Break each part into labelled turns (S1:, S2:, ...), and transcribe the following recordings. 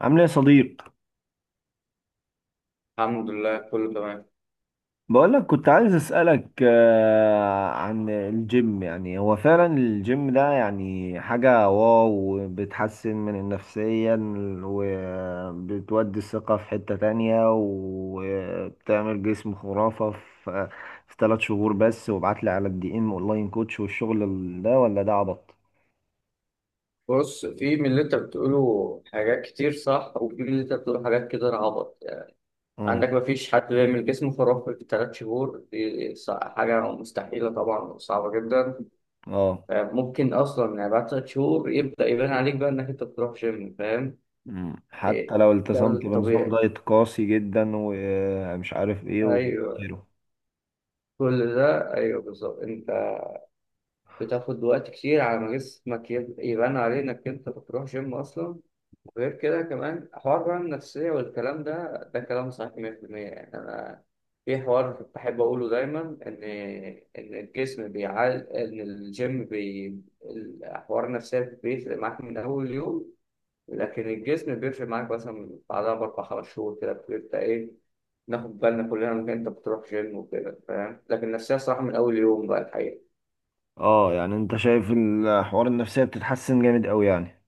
S1: عامل ايه يا صديق؟
S2: الحمد لله، كله تمام.
S1: بقولك، كنت عايز اسألك عن الجيم. يعني هو فعلا الجيم ده يعني حاجة واو، بتحسن من نفسيا وبتودي الثقة في حتة تانية وبتعمل جسم خرافة في 3 شهور بس. وابعتلي على الدي ام اونلاين كوتش. والشغل ده ولا ده عبط؟
S2: بص، في من اللي انت بتقوله حاجات كتير صح، وفي من اللي انت بتقوله حاجات كتير عبط يعني.
S1: مم.
S2: عندك مفيش حد بيعمل جسمه خرافي في 3 شهور دي، حاجة مستحيلة طبعا وصعبة جدا.
S1: اه.
S2: ممكن أصلا يعني بعد 3 شهور يبدأ يبان عليك بقى إنك أنت بتروح جيم، فاهم؟
S1: مم. حتى
S2: إيه،
S1: لو
S2: ده
S1: التزمت بنظام
S2: الطبيعي.
S1: دايت قاسي جدا ومش عارف ايه
S2: أيوه،
S1: وآخره.
S2: كل ده أيوه بالظبط. أنت بتاخد وقت كتير على ما جسمك يبان عليه إنك أنت بتروح جيم أصلا. غير كده كمان حوار بقى النفسية، والكلام ده كلام صحيح 100%، يعني أنا في حوار بحب أقوله دايما، إن إن الجسم بيعال، إن الجيم الحوار النفسية بيفرق معاك من أول يوم، لكن الجسم بيفرق معاك مثلا بعدها بأربع خمس شهور كده، بتبقى إيه، ناخد بالنا كلنا إنك أنت بتروح جيم وكده، فاهم؟ لكن النفسية صراحة من أول يوم بقى الحقيقة.
S1: اه، يعني انت شايف الحوار النفسية بتتحسن جامد قوي يعني؟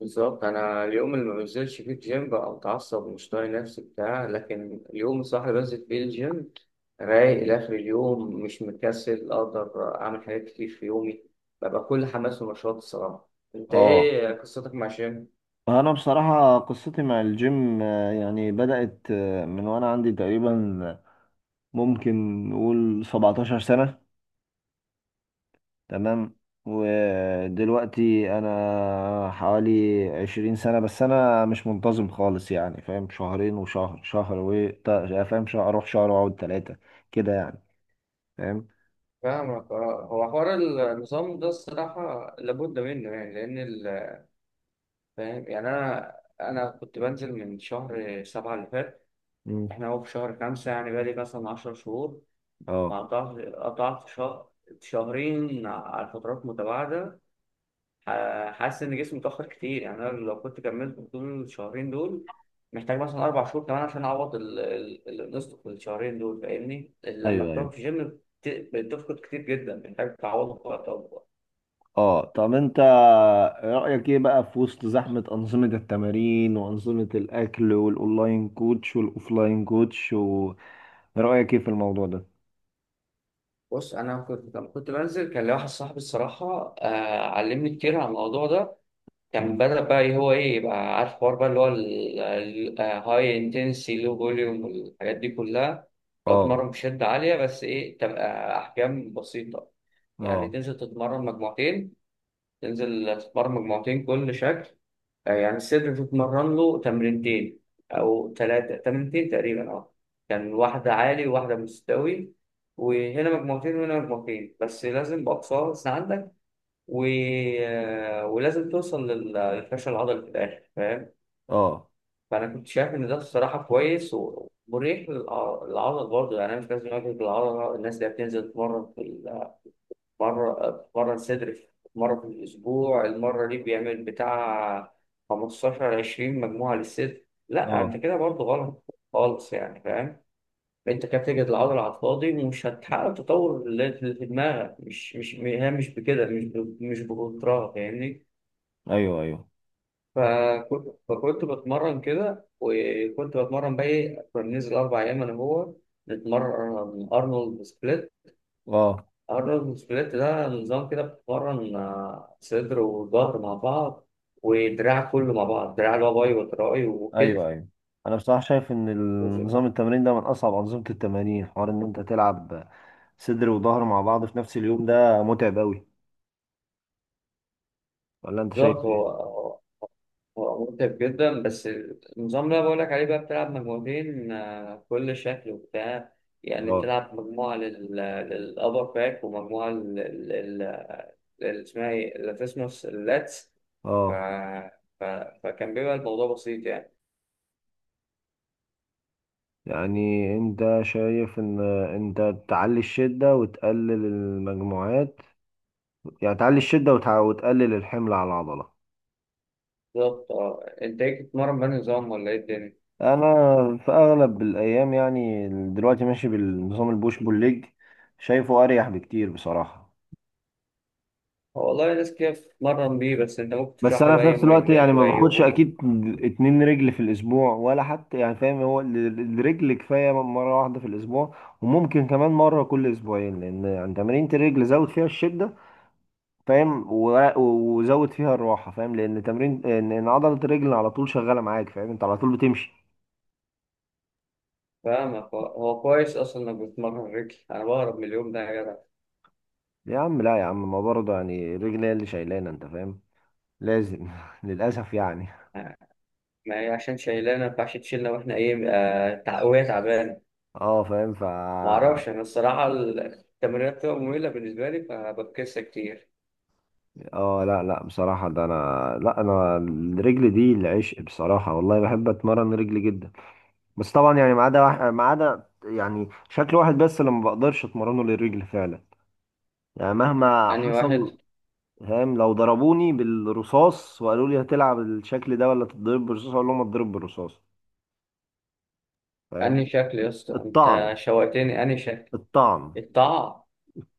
S2: بالظبط، انا اليوم اللي ما بنزلش فيه الجيم بقى متعصب ومش طايق نفسي بتاع، لكن اليوم الصح اللي بنزل فيه الجيم رايق لاخر اليوم، مش مكسل، اقدر اعمل حاجات كتير في يومي، ببقى كل حماس ونشاط الصراحه. انت
S1: اه.
S2: ايه قصتك مع الجيم؟
S1: انا بصراحة قصتي مع الجيم، يعني بدأت من وانا عندي تقريبا، ممكن نقول 17 سنة. تمام. ودلوقتي انا حوالي 20 سنة. بس انا مش منتظم خالص يعني، فاهم؟ شهرين، وشهر، شهر و تا- فاهم؟ شهر اروح، شهر واقعد ثلاثة، كده يعني. فاهم؟
S2: فاهمك. اه، هو حوار النظام ده الصراحه لابد منه، يعني لان فاهم. يعني انا كنت بنزل من شهر 7 اللي فات،
S1: مم.
S2: احنا هو في شهر 5، يعني بقالي مثلا 10 شهور،
S1: اه.
S2: وقطعت شهر شهرين على فترات متباعدة. حاسس إن جسمي اتأخر كتير، يعني أنا لو كنت كملت طول الشهرين دول، محتاج مثلا 4 شهور كمان عشان أعوض اللي نقصته في الشهرين دول، فاهمني؟ لما
S1: ايوه،
S2: بتقعد
S1: ايوه.
S2: في جيم بتفقد كتير جدا، محتاج تعوضه في وقت أكبر.
S1: اه، طب انت رأيك ايه بقى في وسط زحمة أنظمة التمارين وأنظمة الأكل والأونلاين كوتش والأوفلاين كوتش؟ ورأيك ايه في الموضوع ده؟
S2: بص، أنا كنت لما كنت بنزل كان لي واحد صاحبي الصراحة، علمني كتير عن الموضوع ده. كان
S1: مم.
S2: بدأ بقى هو إيه، يبقى عارف حوار بقى اللي هو الهاي انتنسي لو فوليوم والحاجات دي كلها. لو
S1: اه،
S2: تتمرن بشدة عالية بس إيه تبقى أحجام بسيطة، يعني
S1: اه،
S2: تنزل تتمرن مجموعتين، تنزل تتمرن مجموعتين كل شكل. يعني الصدر تتمرن له تمرينتين، أو ثلاثة، تمرينتين تقريبا أه، كان واحدة عالي وواحدة مستوي، وهنا مجموعتين وهنا مجموعتين، بس لازم بأقصى وزن عندك. و... ولازم توصل للفشل العضلي في الاخر، فاهم؟
S1: اه،
S2: فانا كنت شايف ان ده الصراحه كويس ومريح للعضل برضه، يعني انا مش لازم اجهد العضله. الناس اللي بتنزل تتمرن في مره، تتمرن صدر مره في الاسبوع، المره دي بيعمل بتاع 15 20 مجموعه للصدر، لا،
S1: اه.
S2: انت كده برضه غلط خالص، يعني فاهم؟ انت كده بتجهد العضله على الفاضي، ومش هتحقق التطور اللي في دماغك، مش هي مش بكده، مش بكترها، فاهمني؟
S1: ايوه، ايوه.
S2: فكنت بتمرن كده، وكنت بتمرن بقى ايه، كنا بننزل 4 أيام أنا وهو نتمرن أرنولد سبليت.
S1: اه.
S2: أرنولد سبليت ده نظام كده بتتمرن صدر وظهر مع بعض، ودراع كله مع بعض، دراع اللي هو باي وتراي وكتف.
S1: ايوه، ايوه. انا بصراحة شايف ان
S2: وزد،
S1: نظام التمرين ده من اصعب أنظمة التمارين. حوار ان انت تلعب صدر وظهر مع بعض في نفس اليوم، ده متعب اوي. ولا انت
S2: بالظبط.
S1: شايف ايه؟
S2: هو متعب جدا، بس النظام اللي أنا بقول لك عليه بقى بتلعب مجموعتين كل شكل وبتاع. يعني
S1: اه،
S2: بتلعب مجموعة للأبر باك، ومجموعة اللي اسمها ايه لاتسموس، اللاتس. ف...
S1: اه،
S2: ف... فكان بيبقى الموضوع بسيط يعني.
S1: يعني انت شايف ان انت تعلي الشدة وتقلل المجموعات؟ يعني تعلي الشدة وتقلل الحمل على العضلة.
S2: بالظبط. اه، انت ايه بتتمرن بأنهي نظام ولا ايه الدنيا؟
S1: انا في اغلب الايام يعني، دلوقتي ماشي بالنظام البوش بول ليج. شايفه اريح بكتير بصراحة.
S2: هو والله ناس كتير بتتمرن بيه، بس انت ممكن
S1: بس
S2: تشرح لي
S1: انا
S2: بقى
S1: في
S2: ايه
S1: نفس الوقت يعني
S2: مميزات
S1: ما باخدش
S2: وعيوبه؟
S1: اكيد 2 رجل في الاسبوع، ولا حتى يعني، فاهم؟ هو الرجل كفاية مرة واحدة في الاسبوع، وممكن كمان مرة كل اسبوعين. لان يعني تمارين الرجل زود فيها الشدة، فاهم؟ وزود فيها الراحه، فاهم؟ لان تمرين إن عضله الرجل على طول شغاله معاك، فاهم؟ انت على طول بتمشي.
S2: فاهمك. هو كويس اصلا انك بتتمرن رجل، انا بهرب من اليوم ده يا جدع.
S1: يا عم لا، يا عم، ما برضه يعني الرجل هي اللي شايلانا، انت فاهم؟ لازم للاسف يعني.
S2: آه، ما هي عشان شايلانا، ما ينفعش تشيلنا واحنا ايه، وهي تعبانه.
S1: اه، فاهم.
S2: ما اعرفش، انا الصراحه التمرينات بتبقى ممله بالنسبه لي فبفكسها كتير.
S1: اه، لا لا، بصراحه ده انا، لا، انا الرجل دي العشق بصراحه والله، بحب اتمرن رجل جدا. بس طبعا يعني، ما عدا يعني شكل واحد بس اللي ما بقدرش اتمرنه للرجل فعلا، يعني مهما
S2: انهي واحد؟
S1: حصل، فاهم؟ لو ضربوني بالرصاص وقالوا لي هتلعب الشكل ده ولا تتضرب بالرصاص، اقول لهم اتضرب بالرصاص، فاهم؟
S2: انهي شكل يا اسطى؟ انت
S1: الطعن،
S2: شوقتني، انهي شكل؟
S1: الطعن.
S2: الطاعة.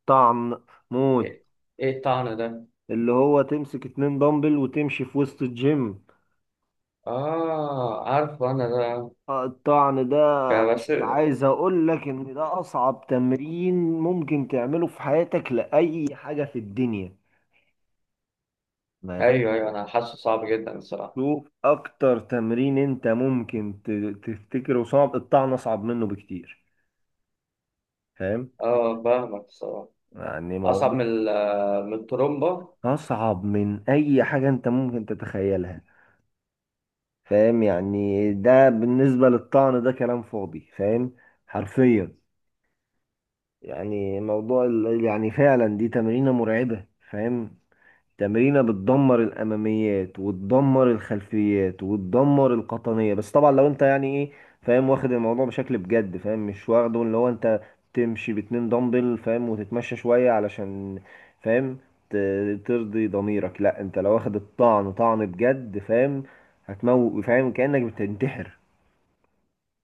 S1: طعن موت.
S2: ايه؟ إيه الطعنة ده؟
S1: اللي هو تمسك 2 دمبل وتمشي في وسط الجيم،
S2: اه، عارفه انا ده.
S1: الطعن ده، مش
S2: بس،
S1: عايز اقول لك ان ده اصعب تمرين ممكن تعمله في حياتك، لاي حاجة في الدنيا، ما فاهم.
S2: ايوه، ايوه، انا حاسه صعب جدا الصراحة.
S1: شوف اكتر تمرين انت ممكن تفتكره صعب، الطعن اصعب منه بكتير، فاهم؟
S2: اه، فاهمك الصراحة.
S1: يعني
S2: اصعب
S1: موضوع
S2: من من الترومبا.
S1: اصعب من اي حاجة انت ممكن تتخيلها، فاهم؟ يعني ده بالنسبة للطعن ده كلام فاضي، فاهم؟ حرفيا. يعني موضوع يعني فعلا دي تمرينة مرعبة، فاهم؟ تمرينة بتدمر الأماميات وتدمر الخلفيات وتدمر القطنية. بس طبعا لو انت يعني ايه، فاهم؟ واخد الموضوع بشكل بجد، فاهم؟ مش واخده اللي هو انت تمشي ب2 دمبل، فاهم؟ وتتمشى شوية علشان، فاهم؟ ترضي ضميرك. لا انت لو واخد الطعن طعن بجد، فاهم؟ هتموت، فاهم؟ كأنك بتنتحر.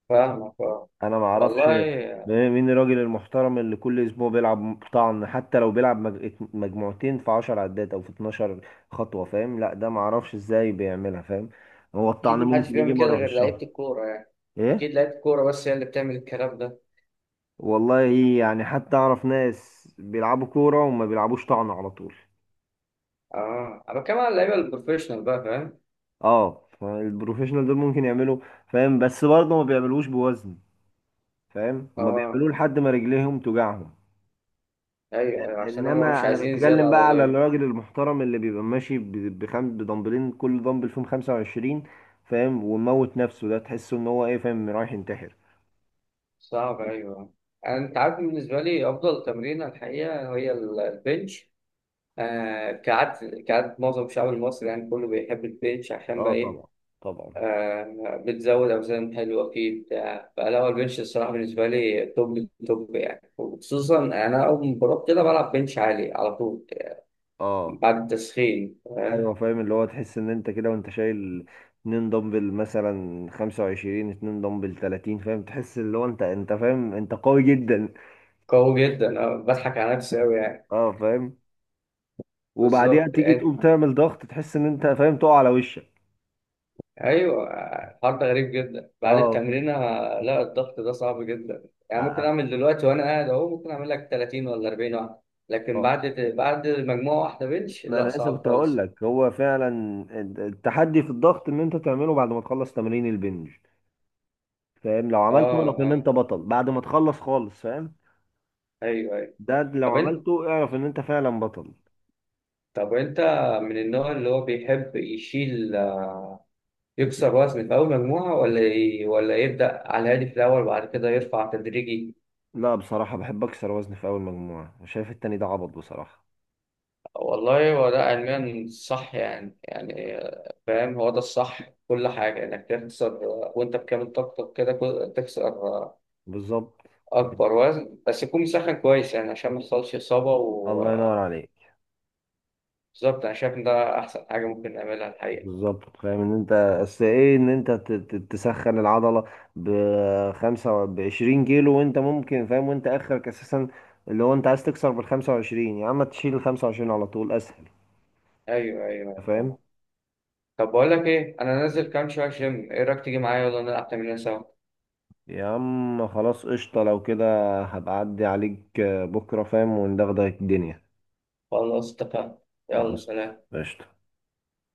S2: فاهمك. اه،
S1: انا ما اعرفش
S2: والله
S1: مين الراجل المحترم اللي كل اسبوع بيلعب طعن، حتى لو بيلعب مجموعتين في 10 عدات او في 12 خطوة، فاهم؟ لا ده ما اعرفش ازاي بيعملها، فاهم؟ هو
S2: اكيد
S1: الطعن
S2: محدش
S1: ممكن يجي
S2: بيعمل كده
S1: مرة في
S2: غير لعيبة
S1: الشهر.
S2: الكورة يعني. اكيد
S1: ايه.
S2: لعيبة الكورة بس هي اللي بتعمل الكلام ده.
S1: والله، يعني حتى اعرف ناس بيلعبوا كورة وما بيلعبوش طعن على طول.
S2: اه، انا بتكلم على اللعيبة البروفيشنال بقى، فاهم؟
S1: اه، البروفيشنال دول ممكن يعملوا، فاهم؟ بس برضه ما بيعملوش بوزن، فاهم؟ هما
S2: اه،
S1: بيعملوه لحد ما رجليهم توجعهم.
S2: ايوه، ايوه، عشان هم مش
S1: انما انا
S2: عايزين زيادة
S1: بتكلم بقى على
S2: عضلية.
S1: الراجل المحترم اللي بيبقى ماشي بدمبلين، كل دمبل فيهم 25، فاهم؟ وموت نفسه، ده تحسه ان هو ايه، فاهم؟ رايح ينتحر.
S2: صعب، ايوه. انت عارف، بالنسبه لي افضل تمرين الحقيقه هي البنش. آه، كعادة كعادة معظم الشعب المصري، يعني كله بيحب البيتش عشان
S1: اه،
S2: بقى إيه،
S1: طبعا، طبعا.
S2: آه، بتزود أوزان حلوة فيه بتاع، فلا هو البنش الصراحة بالنسبة لي توب توب يعني، وخصوصا أنا أول ما بروح كده بلعب بنش عالي على طول
S1: اه،
S2: بعد التسخين، فاهم؟
S1: ايوه، فاهم. اللي هو تحس ان انت كده وانت شايل 2 دمبل مثلا 25، 2 دمبل 30، فاهم؟ تحس اللي هو انت فاهم، انت قوي جدا.
S2: قوي جدا، أنا بضحك على نفسي أوي يعني.
S1: اه، فاهم. وبعديها
S2: بالظبط،
S1: تيجي تقوم تعمل ضغط، تحس ان انت، فاهم؟ تقع على وشك.
S2: ايوه. الحوار ده غريب جدا بعد
S1: اه،
S2: التمرين، لا الضغط ده صعب جدا يعني، ممكن اعمل دلوقتي وانا قاعد اهو ممكن اعمل لك 30 ولا 40 واحده، لكن
S1: اه.
S2: بعد مجموعه واحده بنش
S1: ما
S2: لا،
S1: انا لسه
S2: صعب
S1: كنت هقول
S2: خالص.
S1: لك، هو فعلا التحدي في الضغط ان انت تعمله بعد ما تخلص تمرين البنج، فاهم؟ لو
S2: اه،
S1: عملته اعرف ان
S2: اه،
S1: انت بطل، بعد ما تخلص خالص، فاهم؟
S2: ايوه، ايوه.
S1: ده لو
S2: طب انت
S1: عملته اعرف ان انت فعلا بطل.
S2: طب انت من النوع اللي هو بيحب يشيل، يكسر وزن في اول مجموعه، ولا ولا يبدا على الهادي في الاول وبعد كده يرفع تدريجي؟
S1: لا بصراحة بحب اكسر وزني في اول مجموعة، وشايف التاني ده عبط بصراحة.
S2: والله هو ده علميا صح يعني، فاهم، هو ده الصح في كل حاجة، إنك تخسر وأنت بكامل طاقتك كده، تخسر
S1: بالظبط.
S2: أكبر وزن، بس يكون مسخن كويس يعني عشان ما يحصلش إصابة.
S1: الله ينور
S2: وبالظبط،
S1: عليك.
S2: أنا شايف إن ده أحسن حاجة ممكن نعملها الحقيقة.
S1: بالظبط، فاهم ان انت، اصل ايه ان انت تسخن العضله بخمسة، بعشرين كيلو، وانت ممكن، فاهم؟ وانت اخرك اساسا اللي هو انت عايز تكسر بالخمسة وعشرين، يا عم تشيل الخمسة وعشرين على طول اسهل،
S2: أيوه، أيوه، أيوه، فاهم.
S1: فاهم؟
S2: طب بقول لك إيه، أنا نازل كام شوية جيم، إيه رأيك تيجي معايا ولا نلعب تمرين سوا؟
S1: يا عم خلاص، قشطه لو كده. هبقى اعدي عليك بكره، فاهم؟ وندغدغ الدنيا.
S2: خلاص، اتفقنا. يلا،
S1: خلاص،
S2: سلام.
S1: قشطه.